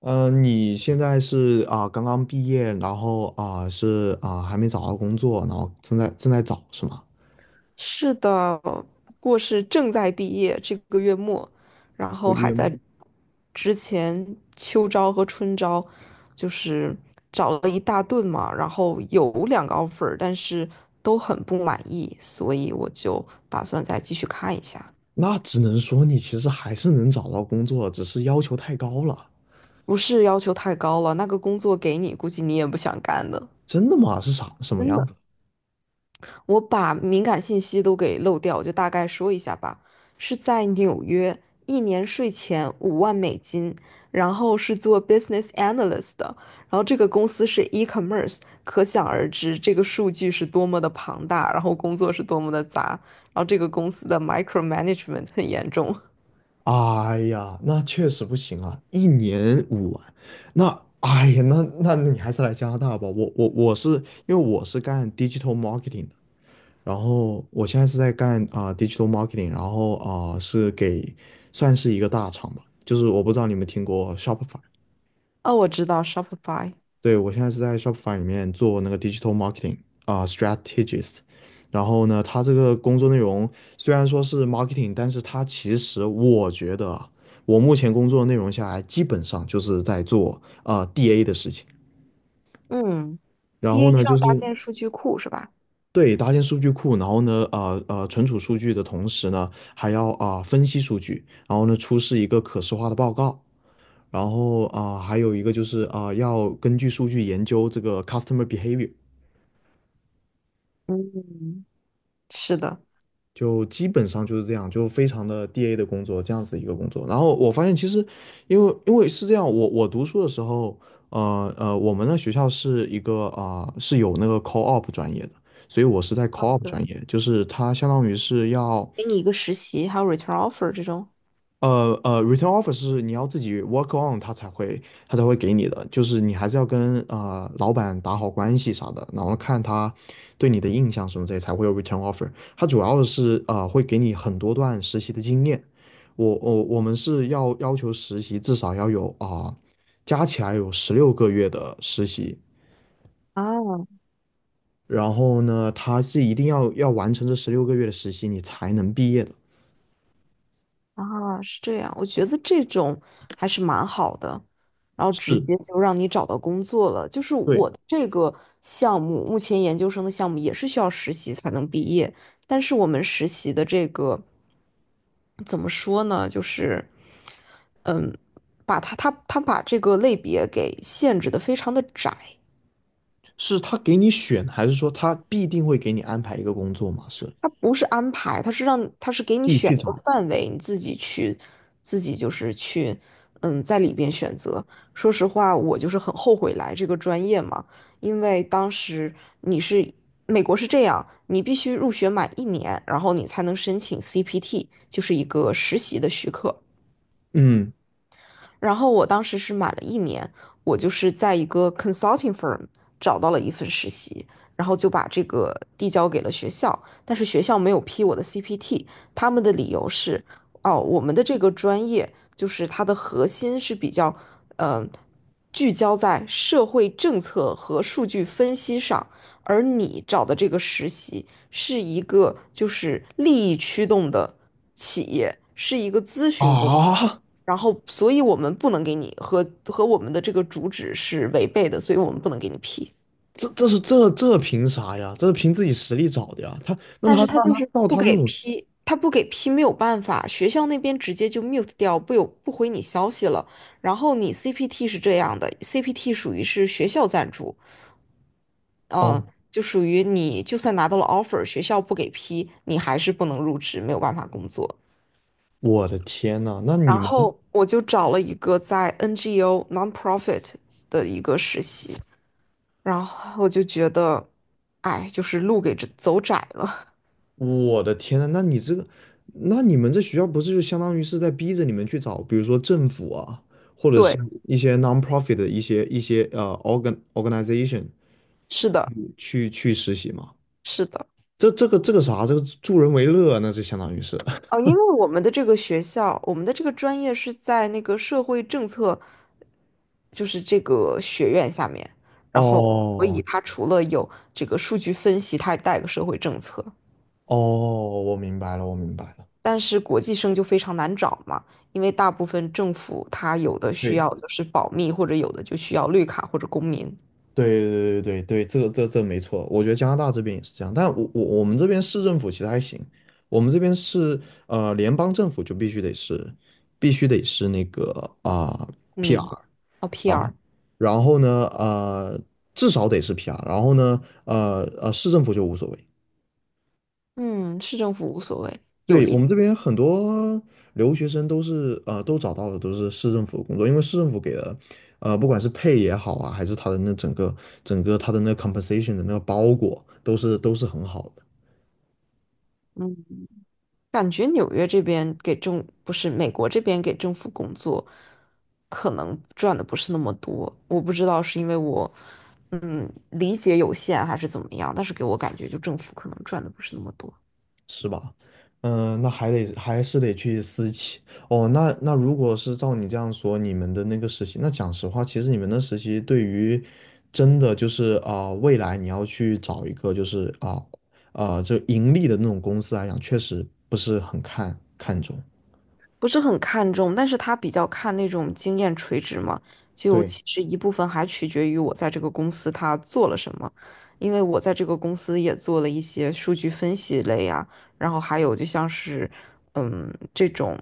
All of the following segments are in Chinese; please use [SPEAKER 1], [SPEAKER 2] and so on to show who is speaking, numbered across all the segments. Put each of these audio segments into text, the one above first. [SPEAKER 1] 嗯，你现在是啊、刚刚毕业，然后啊、是啊、还没找到工作，然后正在找是吗？
[SPEAKER 2] 是的，不过是正在毕业，这个月末，然
[SPEAKER 1] 这个
[SPEAKER 2] 后还
[SPEAKER 1] 月
[SPEAKER 2] 在
[SPEAKER 1] 末，
[SPEAKER 2] 之前秋招和春招，就是找了一大顿嘛，然后有两个 offer，但是都很不满意，所以我就打算再继续看一下。
[SPEAKER 1] 那只能说你其实还是能找到工作，只是要求太高了。
[SPEAKER 2] 不是要求太高了，那个工作给你，估计你也不想干的，
[SPEAKER 1] 真的吗？是啥什么
[SPEAKER 2] 真
[SPEAKER 1] 样
[SPEAKER 2] 的。
[SPEAKER 1] 子？
[SPEAKER 2] 我把敏感信息都给漏掉，我就大概说一下吧。是在纽约，一年税前5万美金，然后是做 business analyst 的，然后这个公司是 e-commerce，可想而知这个数据是多么的庞大，然后工作是多么的杂，然后这个公司的 micromanagement 很严重。
[SPEAKER 1] 哎呀，那确实不行啊，一年5万，那哎呀，那你还是来加拿大吧。我是因为我是干 digital marketing 的，然后我现在是在干啊、digital marketing，然后啊、是给算是一个大厂吧，就是我不知道你们听过 Shopify，
[SPEAKER 2] 哦，我知道 Shopify，
[SPEAKER 1] 对，我现在是在 Shopify 里面做那个 digital marketing 啊、strategist，然后呢，他这个工作内容虽然说是 marketing，但是他其实我觉得啊，我目前工作内容下来基本上就是在做啊、DA 的事情，
[SPEAKER 2] 嗯
[SPEAKER 1] 然后
[SPEAKER 2] ，DA
[SPEAKER 1] 呢就
[SPEAKER 2] 搭
[SPEAKER 1] 是。
[SPEAKER 2] 建数据库是吧？
[SPEAKER 1] 对，搭建数据库，然后呢，存储数据的同时呢，还要啊、分析数据，然后呢，出示一个可视化的报告，然后啊、还有一个就是啊、要根据数据研究这个 customer behavior，
[SPEAKER 2] 嗯，是的，
[SPEAKER 1] 就基本上就是这样，就非常的 DA 的工作，这样子一个工作。然后我发现其实，因为是这样，我读书的时候，我们的学校是一个啊、是有那个 c a l l u p 专业的，所以我是在 c a l l
[SPEAKER 2] 哦，
[SPEAKER 1] u p
[SPEAKER 2] 对。
[SPEAKER 1] 专业，就是它相当于是要。
[SPEAKER 2] 给你一个实习，还有 return offer 这种。
[SPEAKER 1] return offer 是你要自己 work on 他才会给你的，就是你还是要跟老板打好关系啥的，然后看他对你的印象什么这类才会有 return offer。他主要的是会给你很多段实习的经验，我们是要求实习至少要有啊、加起来有十六个月的实习，
[SPEAKER 2] 啊，
[SPEAKER 1] 然后呢，他是一定要完成这十六个月的实习你才能毕业的，
[SPEAKER 2] 啊，是这样，我觉得这种还是蛮好的，然后直
[SPEAKER 1] 是。
[SPEAKER 2] 接就让你找到工作了。就是
[SPEAKER 1] 对。
[SPEAKER 2] 我的这个项目，目前研究生的项目也是需要实习才能毕业，但是我们实习的这个怎么说呢？就是，嗯，把它它它把这个类别给限制的非常的窄。
[SPEAKER 1] 是他给你选，还是说他必定会给你安排一个工作嘛？是，
[SPEAKER 2] 它不是安排，它是给你
[SPEAKER 1] 你去
[SPEAKER 2] 选一个
[SPEAKER 1] 找。
[SPEAKER 2] 范围，你自己去，自己就是去，嗯，在里边选择。说实话，我就是很后悔来这个专业嘛，因为当时你是美国是这样，你必须入学满一年，然后你才能申请 CPT，就是一个实习的许可。
[SPEAKER 1] 嗯，
[SPEAKER 2] 然后我当时是满了一年，我就是在一个 consulting firm 找到了一份实习，然后就把这个递交给了学校，但是学校没有批我的 CPT。他们的理由是，哦，我们的这个专业就是它的核心是比较，嗯、聚焦在社会政策和数据分析上，而你找的这个实习是一个就是利益驱动的企业，是一个咨询公司。
[SPEAKER 1] 啊，
[SPEAKER 2] 然后所以我们不能给你，和我们的这个主旨是违背的，所以我们不能给你批。
[SPEAKER 1] 这凭啥呀？这是凭自己实力找的呀。他那他
[SPEAKER 2] 但是他
[SPEAKER 1] 那
[SPEAKER 2] 就
[SPEAKER 1] 他
[SPEAKER 2] 是
[SPEAKER 1] 照
[SPEAKER 2] 不
[SPEAKER 1] 他那
[SPEAKER 2] 给
[SPEAKER 1] 种，
[SPEAKER 2] 批，他不给批没有办法，学校那边直接就 mute 掉，不回你消息了。然后你 CPT 是这样的，CPT 属于是学校赞助，嗯，
[SPEAKER 1] 哦，
[SPEAKER 2] 就属于你就算拿到了 offer，学校不给批，你还是不能入职，没有办法工作。
[SPEAKER 1] 我的天呐，那你
[SPEAKER 2] 然
[SPEAKER 1] 们，
[SPEAKER 2] 后我就找了一个在 NGO nonprofit 的一个实习，然后我就觉得，哎，就是路给这走窄了。
[SPEAKER 1] 我的天呐，那你这个，那你们这学校不是就相当于是在逼着你们去找，比如说政府啊，或 者是
[SPEAKER 2] 对，
[SPEAKER 1] 一些 non-profit 的一些 organization
[SPEAKER 2] 是的，
[SPEAKER 1] 去实习吗？
[SPEAKER 2] 是的。
[SPEAKER 1] 这个啥，这个助人为乐，那就相当于是。
[SPEAKER 2] 哦，因为我们的这个学校，我们的这个专业是在那个社会政策，就是这个学院下面，然后所以
[SPEAKER 1] 哦
[SPEAKER 2] 它除了有这个数据分析，它还带个社会政策。
[SPEAKER 1] 哦，我明白了，我明白了。
[SPEAKER 2] 但是国际生就非常难找嘛，因为大部分政府它有的需
[SPEAKER 1] 对
[SPEAKER 2] 要就是保密，或者有的就需要绿卡或者公民
[SPEAKER 1] 对对对对对，这没错，我觉得加拿大这边也是这样，但我们这边市政府其实还行，我们这边是联邦政府就必须得是那个啊、
[SPEAKER 2] 公
[SPEAKER 1] PR，
[SPEAKER 2] 民，哦 PR。
[SPEAKER 1] 然后呢至少得是 PR，然后呢市政府就无所谓。
[SPEAKER 2] 嗯，市政府无所谓。有
[SPEAKER 1] 对，我
[SPEAKER 2] 一
[SPEAKER 1] 们这边很多留学生都是都找到的都是市政府的工作，因为市政府给的，不管是配也好啊，还是他的那整个他的那 compensation 的那个包裹，都是很好的。
[SPEAKER 2] 嗯，感觉纽约这边不是美国这边给政府工作，可能赚的不是那么多，我不知道是因为我理解有限还是怎么样，但是给我感觉就政府可能赚的不是那么多。
[SPEAKER 1] 是吧？嗯，那还是得去私企哦。那如果是照你这样说，你们的那个实习，那讲实话，其实你们的实习对于真的就是啊、未来你要去找一个就是啊、就盈利的那种公司来讲，确实不是很看重。
[SPEAKER 2] 不是很看重，但是他比较看那种经验垂直嘛，就
[SPEAKER 1] 对，
[SPEAKER 2] 其实一部分还取决于我在这个公司他做了什么，因为我在这个公司也做了一些数据分析类呀，然后还有就像是这种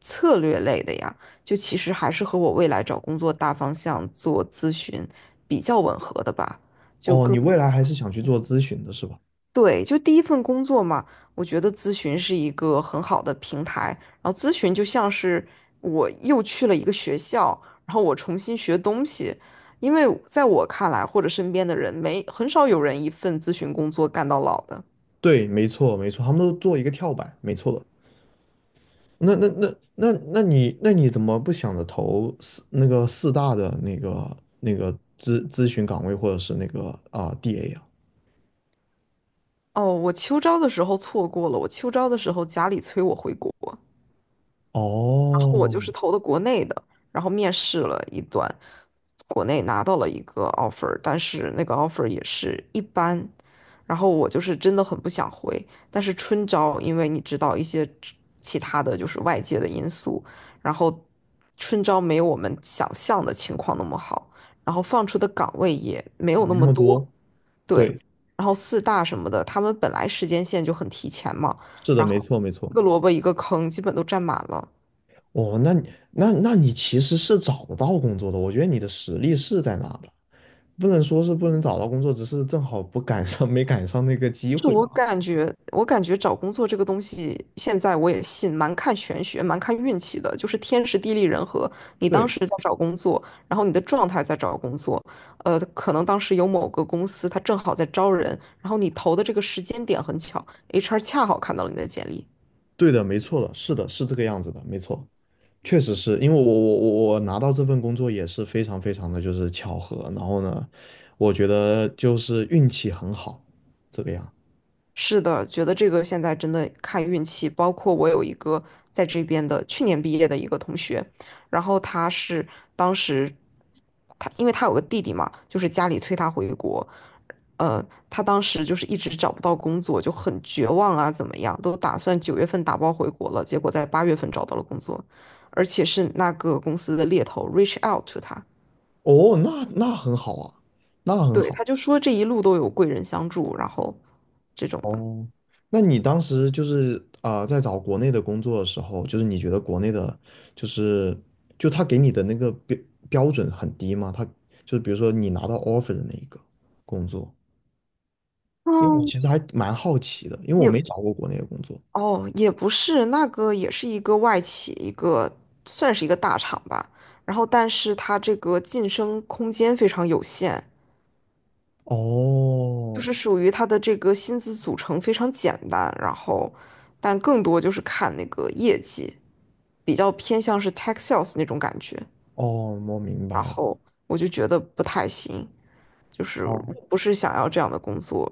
[SPEAKER 2] 策略类的呀，就其实还是和我未来找工作大方向做咨询比较吻合的吧，就
[SPEAKER 1] 哦，
[SPEAKER 2] 更。
[SPEAKER 1] 你未来还是想去做咨询的是吧？
[SPEAKER 2] 对，就第一份工作嘛，我觉得咨询是一个很好的平台。然后咨询就像是我又去了一个学校，然后我重新学东西。因为在我看来，或者身边的人，没很少有人一份咨询工作干到老的。
[SPEAKER 1] 对，没错没错，他们都做一个跳板，没错的。那你怎么不想着投四那个四大的那个咨询岗位或者是那个啊、DA 啊？
[SPEAKER 2] 哦，我秋招的时候错过了，我秋招的时候家里催我回国。然后我
[SPEAKER 1] 哦，
[SPEAKER 2] 就是投的国内的，然后面试了一段，国内拿到了一个 offer，但是那个 offer 也是一般，然后我就是真的很不想回。但是春招，因为你知道一些其他的就是外界的因素，然后春招没有我们想象的情况那么好，然后放出的岗位也没有那
[SPEAKER 1] 没那
[SPEAKER 2] 么
[SPEAKER 1] 么
[SPEAKER 2] 多，
[SPEAKER 1] 多。
[SPEAKER 2] 对，
[SPEAKER 1] 对，
[SPEAKER 2] 然后四大什么的，他们本来时间线就很提前嘛，
[SPEAKER 1] 是的，
[SPEAKER 2] 然
[SPEAKER 1] 没
[SPEAKER 2] 后
[SPEAKER 1] 错没
[SPEAKER 2] 一
[SPEAKER 1] 错。
[SPEAKER 2] 个萝卜一个坑，基本都占满了。
[SPEAKER 1] 哦，那你其实是找得到工作的，我觉得你的实力是在那的，不能说是不能找到工作，只是正好不赶上没赶上那个机
[SPEAKER 2] 是
[SPEAKER 1] 会
[SPEAKER 2] 我
[SPEAKER 1] 吧。
[SPEAKER 2] 感觉，我感觉找工作这个东西，现在我也信，蛮看玄学，蛮看运气的，就是天时地利人和。你当
[SPEAKER 1] 对，
[SPEAKER 2] 时在找工作，然后你的状态在找工作，可能当时有某个公司它正好在招人，然后你投的这个时间点很巧，HR 恰好看到了你的简历，
[SPEAKER 1] 对的，没错的，是的，是这个样子的，没错。确实是因为我拿到这份工作也是非常非常的就是巧合，然后呢，我觉得就是运气很好，这个样。
[SPEAKER 2] 是的，觉得这个现在真的看运气。包括我有一个在这边的去年毕业的一个同学，然后他是当时他因为他有个弟弟嘛，就是家里催他回国。呃，他当时就是一直找不到工作，就很绝望啊，怎么样，都打算9月份打包回国了，结果在8月份找到了工作，而且是那个公司的猎头 reach out to 他。
[SPEAKER 1] 哦，那很好啊，那很
[SPEAKER 2] 对，
[SPEAKER 1] 好。
[SPEAKER 2] 他就说这一路都有贵人相助，然后这种的。
[SPEAKER 1] 哦，那你当时就是啊、在找国内的工作的时候，就是你觉得国内的，就是就他给你的那个标准很低吗？他就是比如说你拿到 offer 的那一个工作，因为我
[SPEAKER 2] 嗯，
[SPEAKER 1] 其实还蛮好奇的，因为我
[SPEAKER 2] 也。
[SPEAKER 1] 没找过国内的工作。
[SPEAKER 2] 哦，也不是，那个也是一个外企，一个算是一个大厂吧。然后，但是它这个晋升空间非常有限，就
[SPEAKER 1] 哦，
[SPEAKER 2] 是属于它的这个薪资组成非常简单，然后，但更多就是看那个业绩，比较偏向是 tech sales 那种感觉。
[SPEAKER 1] 哦，我明
[SPEAKER 2] 然
[SPEAKER 1] 白了。
[SPEAKER 2] 后我就觉得不太行，就是
[SPEAKER 1] 哦，
[SPEAKER 2] 我不是想要这样的工作，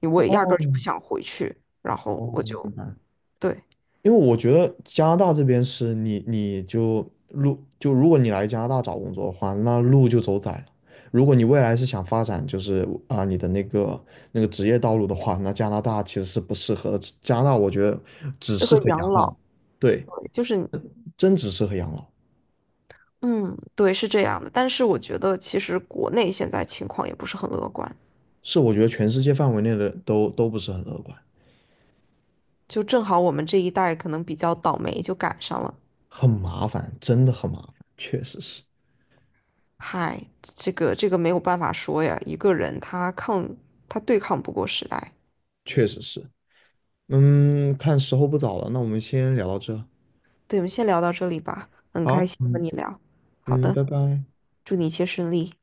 [SPEAKER 2] 我也压根
[SPEAKER 1] 哦
[SPEAKER 2] 儿就不想回去。然后
[SPEAKER 1] 哦，
[SPEAKER 2] 我
[SPEAKER 1] 明白
[SPEAKER 2] 就，
[SPEAKER 1] 了
[SPEAKER 2] 对，
[SPEAKER 1] 因为我觉得加拿大这边是你，你就如果你来加拿大找工作的话，那路就走窄了。如果你未来是想发展就是啊你的那个职业道路的话，那加拿大其实是不适合的。加拿大我觉得只
[SPEAKER 2] 这
[SPEAKER 1] 适
[SPEAKER 2] 和
[SPEAKER 1] 合
[SPEAKER 2] 养
[SPEAKER 1] 养老，
[SPEAKER 2] 老，
[SPEAKER 1] 对，
[SPEAKER 2] 对，就是
[SPEAKER 1] 真只适合养老，
[SPEAKER 2] 嗯，对，是这样的。但是我觉得，其实国内现在情况也不是很乐观，
[SPEAKER 1] 是我觉得全世界范围内的都不是很乐观，
[SPEAKER 2] 就正好我们这一代可能比较倒霉，就赶上了。
[SPEAKER 1] 很麻烦，真的很麻烦，确实是，
[SPEAKER 2] 嗨，这个这个没有办法说呀，一个人他对抗不过时代。
[SPEAKER 1] 确实是。嗯，看时候不早了，那我们先聊到这。
[SPEAKER 2] 对，我们先聊到这里吧，很开
[SPEAKER 1] 好，
[SPEAKER 2] 心和
[SPEAKER 1] 嗯
[SPEAKER 2] 你聊。好
[SPEAKER 1] 嗯，
[SPEAKER 2] 的，
[SPEAKER 1] 拜拜。
[SPEAKER 2] 祝你一切顺利。